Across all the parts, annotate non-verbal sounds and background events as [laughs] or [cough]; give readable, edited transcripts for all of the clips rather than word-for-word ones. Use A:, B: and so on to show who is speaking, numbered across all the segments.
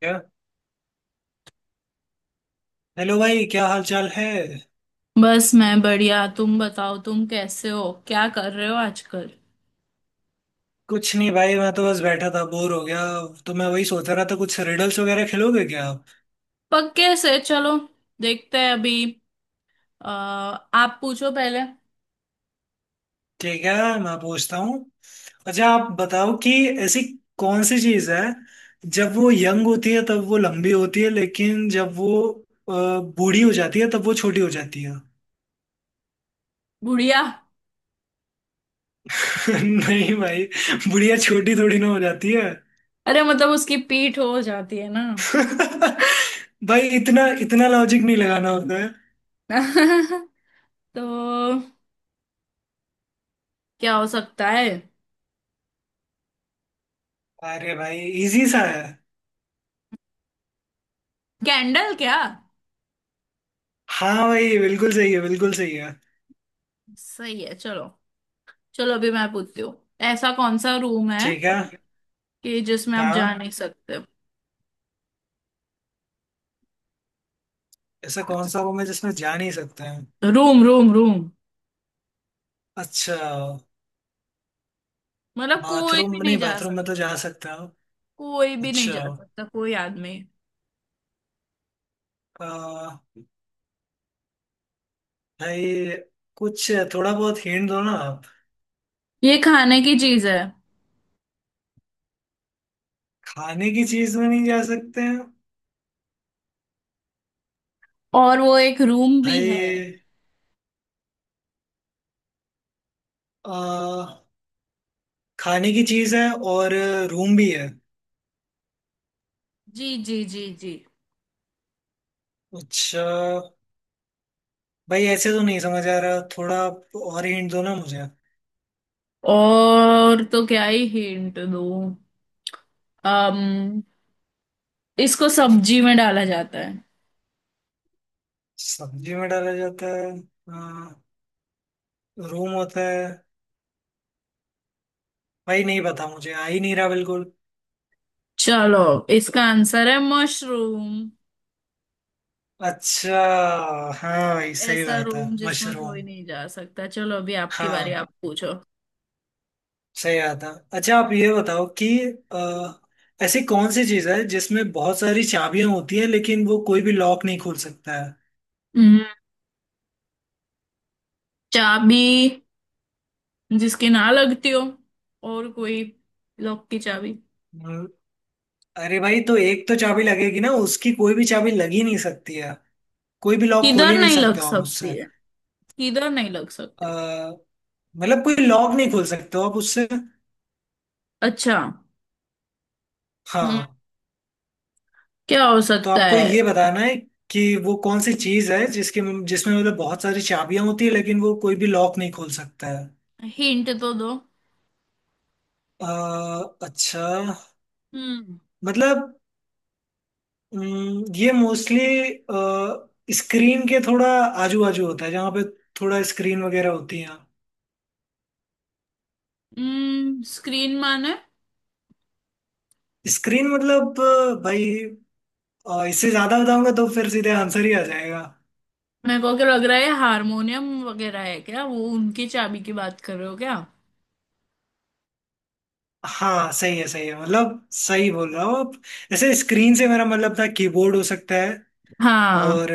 A: क्या। हेलो भाई, क्या हाल चाल है।
B: बस, मैं बढ़िया। तुम बताओ, तुम कैसे हो? क्या कर रहे हो आजकल?
A: कुछ नहीं भाई, मैं तो बस बैठा था, बोर हो गया। तो मैं वही सोच रहा था, कुछ रिडल्स वगैरह खेलोगे क्या आप।
B: पक्के से। चलो, देखते हैं अभी। अ, आप पूछो पहले।
A: ठीक है, मैं पूछता हूँ। अच्छा आप बताओ कि ऐसी कौन सी चीज़ है, जब वो यंग होती है तब वो लंबी होती है, लेकिन जब वो अ, बूढ़ी हो जाती है तब वो छोटी हो जाती है।
B: बुढ़िया।
A: [laughs] नहीं भाई, बुढ़िया छोटी थोड़ी ना हो जाती है।
B: अरे मतलब उसकी पीठ हो जाती है ना।
A: [laughs] भाई, इतना इतना लॉजिक नहीं लगाना होता है।
B: [laughs] तो क्या हो सकता है?
A: अरे भाई, इजी सा है।
B: कैंडल क्या?
A: हाँ भाई, बिल्कुल सही है, बिल्कुल सही है।
B: सही है। चलो। चलो अभी मैं पूछती हूँ। ऐसा कौन सा रूम है
A: ठीक है।
B: कि जिसमें आप जा
A: हाँ,
B: नहीं सकते?
A: ऐसा कौन सा रूम है जिसमें जा नहीं सकते हैं।
B: Room room room.
A: अच्छा।
B: मतलब कोई
A: बाथरूम?
B: भी
A: नहीं,
B: नहीं जा
A: बाथरूम
B: सकता।
A: में तो जा सकता हूँ।
B: कोई भी नहीं जा
A: अच्छा,
B: सकता, कोई आदमी।
A: आ, भाई कुछ थोड़ा बहुत हिंट दो ना आप।
B: ये खाने की चीज है
A: खाने की चीज में नहीं जा सकते हैं?
B: और वो एक रूम भी है।
A: भाई, आ, खाने की चीज है और रूम भी है?
B: जी जी जी जी।
A: अच्छा भाई, ऐसे तो नहीं समझ आ रहा, थोड़ा आप और हिंट दो ना मुझे।
B: और तो क्या ही हिंट दूं। अम इसको सब्जी में डाला जाता है।
A: सब्जी में डाला जाता है, आ, रूम होता है। भाई नहीं पता, मुझे आ ही नहीं रहा बिल्कुल।
B: चलो, इसका आंसर है मशरूम।
A: अच्छा। हाँ भाई, सही
B: ऐसा
A: बात है,
B: रूम जिसमें कोई
A: मशरूम।
B: नहीं जा सकता। चलो अभी आपकी बारी,
A: हाँ,
B: आप पूछो।
A: सही बात है। अच्छा आप ये बताओ कि ऐसी कौन सी चीज है जिसमें बहुत सारी चाबियां होती हैं लेकिन वो कोई भी लॉक नहीं खोल सकता है।
B: हम्म, चाबी। जिसकी ना लगती हो। और कोई। लॉक की चाबी।
A: हम्म, अरे भाई, तो एक तो चाबी लगेगी ना उसकी। कोई भी चाबी लग ही नहीं सकती है, कोई भी लॉक खोल
B: किधर
A: ही नहीं
B: नहीं लग
A: सकते हो आप उससे।
B: सकती है? किधर नहीं लग
A: अ,
B: सकती?
A: मतलब कोई लॉक नहीं खोल सकते हो आप उससे।
B: अच्छा। हम्म।
A: हाँ,
B: क्या हो
A: तो
B: सकता
A: आपको
B: है?
A: ये बताना है कि वो कौन सी चीज है जिसके जिसमें मतलब बहुत सारी चाबियां होती है लेकिन वो कोई भी लॉक नहीं खोल सकता है।
B: हिंट तो दो।
A: अच्छा,
B: हम्म।
A: मतलब ये मोस्टली स्क्रीन के थोड़ा आजू बाजू होता है, जहाँ पे थोड़ा स्क्रीन वगैरह होती है।
B: हम्म, स्क्रीन माने?
A: स्क्रीन मतलब भाई, इससे ज्यादा बताऊंगा तो फिर सीधे आंसर ही आ जाएगा।
B: मेरे को क्या लग रहा है, हारमोनियम वगैरह है क्या? वो उनकी चाबी की बात कर रहे हो क्या?
A: हाँ, सही है, सही है, मतलब सही बोल रहा हो आप। ऐसे स्क्रीन से मेरा मतलब था कीबोर्ड हो सकता है।
B: हाँ
A: और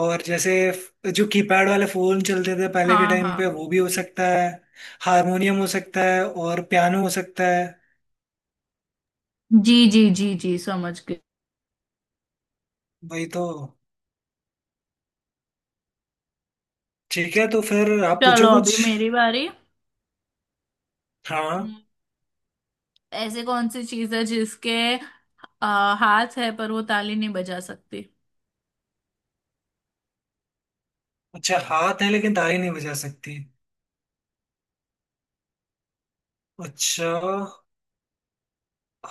A: और जैसे जो कीपैड वाले फोन चलते थे पहले के
B: हाँ
A: टाइम पे,
B: हाँ।
A: वो भी हो सकता है। हारमोनियम हो सकता है, और पियानो हो सकता है।
B: जी जी जी जी, समझ गई।
A: वही तो। ठीक है, तो फिर आप पूछो
B: चलो अभी
A: कुछ।
B: मेरी बारी।
A: हाँ।
B: हम्म, ऐसे कौन सी चीज है जिसके हाथ है पर वो ताली नहीं बजा सकती?
A: अच्छा, हाथ है लेकिन ताली नहीं बजा सकती। अच्छा,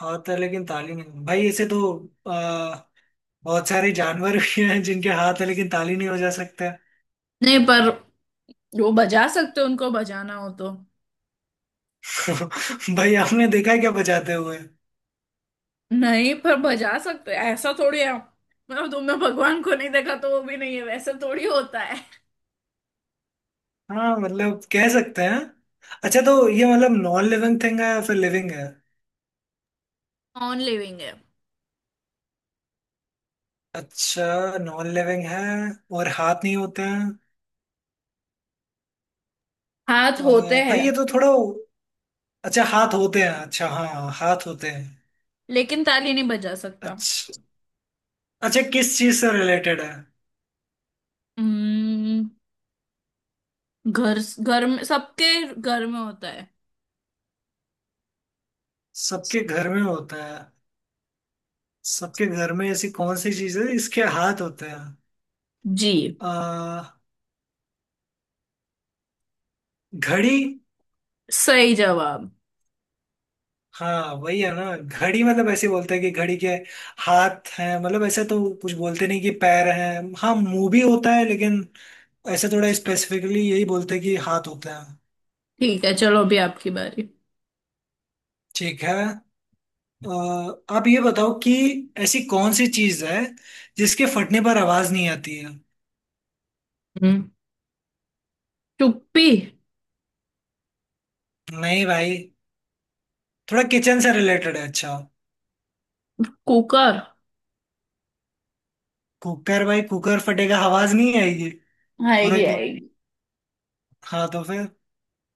A: हाथ है लेकिन ताली नहीं, भाई ऐसे तो आ, बहुत सारे जानवर भी हैं जिनके हाथ है लेकिन ताली नहीं बजा सकते।
B: नहीं, पर वो बजा सकते हैं, उनको बजाना हो तो।
A: [laughs] भाई, आपने देखा है क्या बजाते हुए।
B: नहीं, पर बजा सकते ऐसा थोड़ी है, मतलब तुमने भगवान को नहीं देखा तो वो भी नहीं है वैसा थोड़ी होता है।
A: हाँ मतलब कह सकते हैं। अच्छा, तो ये मतलब नॉन लिविंग थिंग है या फिर लिविंग है।
B: नॉन लिविंग है।
A: अच्छा, नॉन लिविंग है। और हाथ नहीं होते हैं?
B: हाथ होते
A: भाई
B: हैं।
A: ये तो थोड़ा। अच्छा हाथ होते हैं, अच्छा हाँ हाथ होते हैं।
B: लेकिन ताली नहीं बजा सकता।
A: अच्छा। अच्छा, किस चीज से रिलेटेड है?
B: हम्म। घर घर में, सबके घर में होता है।
A: सबके घर में होता है। सबके घर में ऐसी कौन सी चीज है इसके हाथ होते हैं?
B: जी।
A: आ, घड़ी।
B: सही जवाब।
A: हाँ वही है ना, घड़ी। मतलब ऐसे बोलते हैं कि घड़ी के हाथ हैं, मतलब ऐसे तो कुछ बोलते नहीं कि पैर हैं। हाँ मुंह भी होता है, लेकिन ऐसे थोड़ा स्पेसिफिकली यही बोलते हैं कि हाथ होते हैं।
B: ठीक है। चलो अभी आपकी बारी।
A: ठीक है। अ, आप ये बताओ कि ऐसी कौन सी चीज है जिसके फटने पर आवाज नहीं आती है।
B: हम्म। चुप्पी।
A: नहीं भाई, थोड़ा किचन से रिलेटेड है। अच्छा।
B: कुकर।
A: कुकर? भाई, कुकर फटेगा आवाज नहीं आएगी? पूरा
B: आएगी
A: की।
B: आएगी।
A: हाँ तो फिर।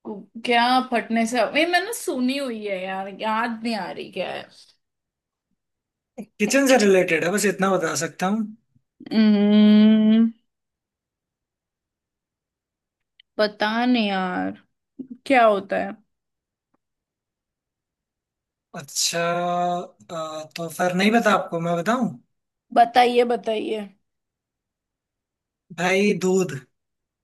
B: क्या? फटने से, ये मैंने सुनी हुई है यार, याद नहीं आ रही क्या है।
A: किचन से रिलेटेड है, बस इतना बता सकता हूँ।
B: हम्म, पता नहीं यार। क्या होता है?
A: अच्छा। तो फिर नहीं बता? आपको मैं बताऊं?
B: बताइए बताइए।
A: भाई, दूध।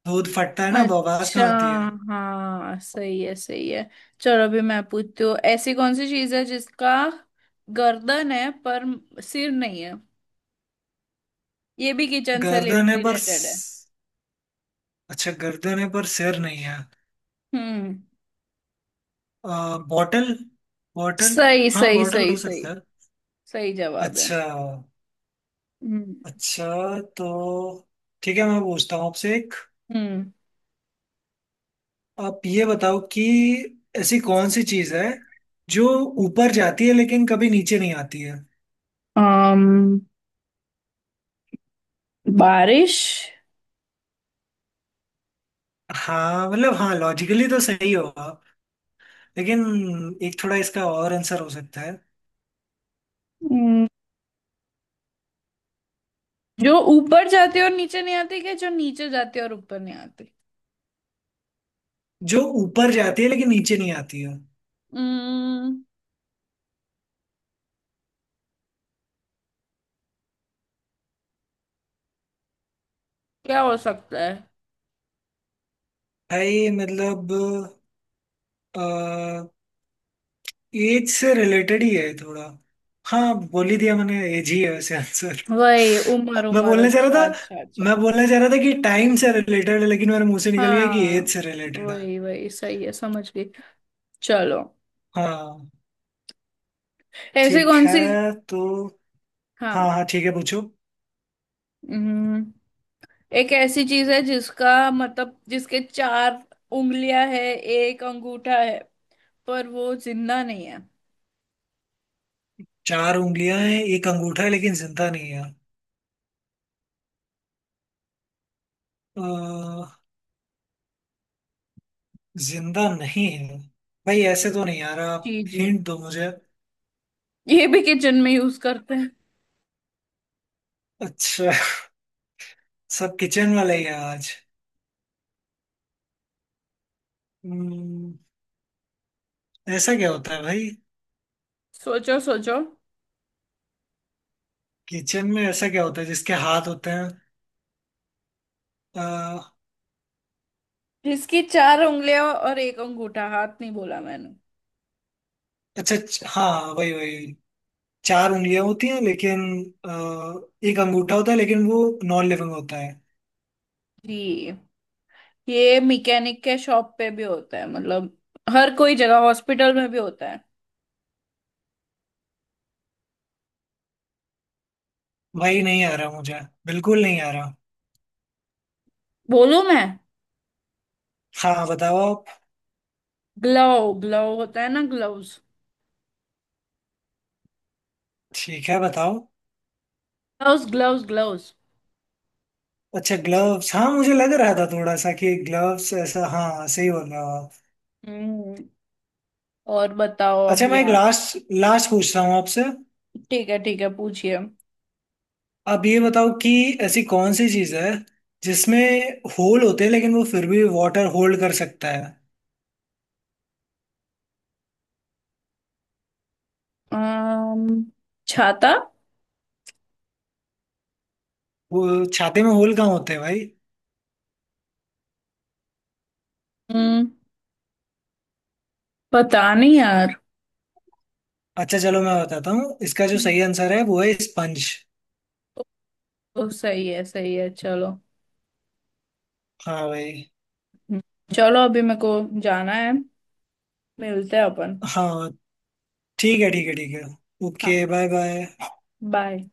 A: दूध फटता है ना, तो आवाज
B: अच्छा,
A: कहाँ आती है।
B: हाँ सही है सही है। चलो अभी मैं पूछती हूँ। ऐसी कौन सी चीज है जिसका गर्दन है पर सिर नहीं है? ये भी किचन से
A: गर्दन है पर
B: रिलेटेड है।
A: अच्छा, गर्दन है पर सिर नहीं है।
B: हम्म।
A: बॉटल। बॉटल।
B: सही
A: हाँ,
B: सही
A: बॉटल
B: सही
A: हो सकता
B: सही।
A: है।
B: सही जवाब है।
A: अच्छा।
B: हम्म।
A: अच्छा तो, ठीक है मैं पूछता हूँ आपसे एक।
B: हम्म।
A: आप ये बताओ कि ऐसी कौन सी चीज़ है जो ऊपर जाती है लेकिन कभी नीचे नहीं आती है।
B: um, बारिश।
A: हाँ मतलब, हाँ लॉजिकली तो सही हो आप, लेकिन एक थोड़ा इसका और आंसर हो सकता है।
B: हम्म, जो ऊपर जाती है और नीचे नहीं आती, कि जो नीचे जाती है और ऊपर नहीं आती?
A: जो ऊपर जाती है लेकिन नीचे नहीं आती है।
B: हम्म। क्या हो सकता है?
A: भाई मतलब, एज से रिलेटेड ही है थोड़ा। हाँ, बोल ही दिया मैंने, एज ही है वैसे आंसर।
B: वही उम्र
A: मैं
B: उम्र।
A: बोलने चाह
B: अच्छा
A: रहा था
B: अच्छा
A: मैं
B: अच्छा।
A: बोलना चाह रहा था कि टाइम से रिलेटेड है, लेकिन मेरे मुंह से निकल गया कि एज
B: हाँ
A: से रिलेटेड है।
B: वही वही, सही है, समझ गई। चलो।
A: हाँ।
B: ऐसी
A: ठीक
B: कौन सी।
A: है तो। हाँ
B: हाँ।
A: हाँ, ठीक है, पूछो।
B: हम्म, एक ऐसी चीज है जिसका मतलब जिसके चार उंगलियां है, एक अंगूठा है, पर वो जिंदा नहीं है।
A: चार उंगलियां हैं, एक अंगूठा है, लेकिन जिंदा नहीं है। अ, जिंदा नहीं है, भाई ऐसे तो नहीं यार, आप
B: जी जी।
A: हिंट दो मुझे।
B: ये भी किचन में यूज करते हैं।
A: अच्छा। [laughs] सब किचन वाला ही है आज। हम्म, ऐसा क्या होता है भाई।
B: सोचो सोचो।
A: किचन में ऐसा क्या होता है जिसके हाथ होते हैं? अ,
B: जिसकी चार उंगलियां और एक अंगूठा, हाथ नहीं बोला मैंने।
A: अच्छा, हाँ वही वही। चार उंगलियां होती हैं, लेकिन अ, एक अंगूठा होता है, लेकिन वो नॉन लिविंग होता है।
B: जी। ये मैकेनिक के शॉप पे भी होता है, मतलब हर कोई जगह, हॉस्पिटल में भी होता है।
A: भाई नहीं आ रहा मुझे, बिल्कुल नहीं आ रहा।
B: बोलूं मैं?
A: हाँ बताओ आप।
B: ग्लव, ग्लव होता है ना, ग्लव्स।
A: ठीक है, बताओ।
B: Gloves gloves gloves.
A: अच्छा, ग्लव्स। हाँ मुझे लग रहा था थोड़ा सा कि ग्लव्स, ऐसा हाँ, सही बोल रहे हो आप।
B: हम्म। और बताओ
A: अच्छा,
B: अभी
A: मैं एक
B: आप।
A: लास्ट, लास्ट पूछ रहा हूँ आपसे।
B: ठीक है ठीक है, पूछिए।
A: आप ये बताओ कि ऐसी कौन सी चीज़ है जिसमें होल होते हैं, लेकिन वो फिर भी वाटर होल्ड कर सकता है।
B: अम्म छाता।
A: वो छाते में होल कहाँ होते हैं भाई।
B: हम्म, पता नहीं यार।
A: अच्छा चलो, मैं बताता हूँ, इसका जो
B: हम्म,
A: सही आंसर है वो है स्पंज।
B: ओ, सही है सही है। चलो।
A: हाँ भाई।
B: हम्म, चलो अभी मेरे को जाना है। मिलते हैं अपन।
A: हाँ, ठीक है, ठीक है, ठीक है।
B: हाँ,
A: ओके, बाय बाय।
B: बाय।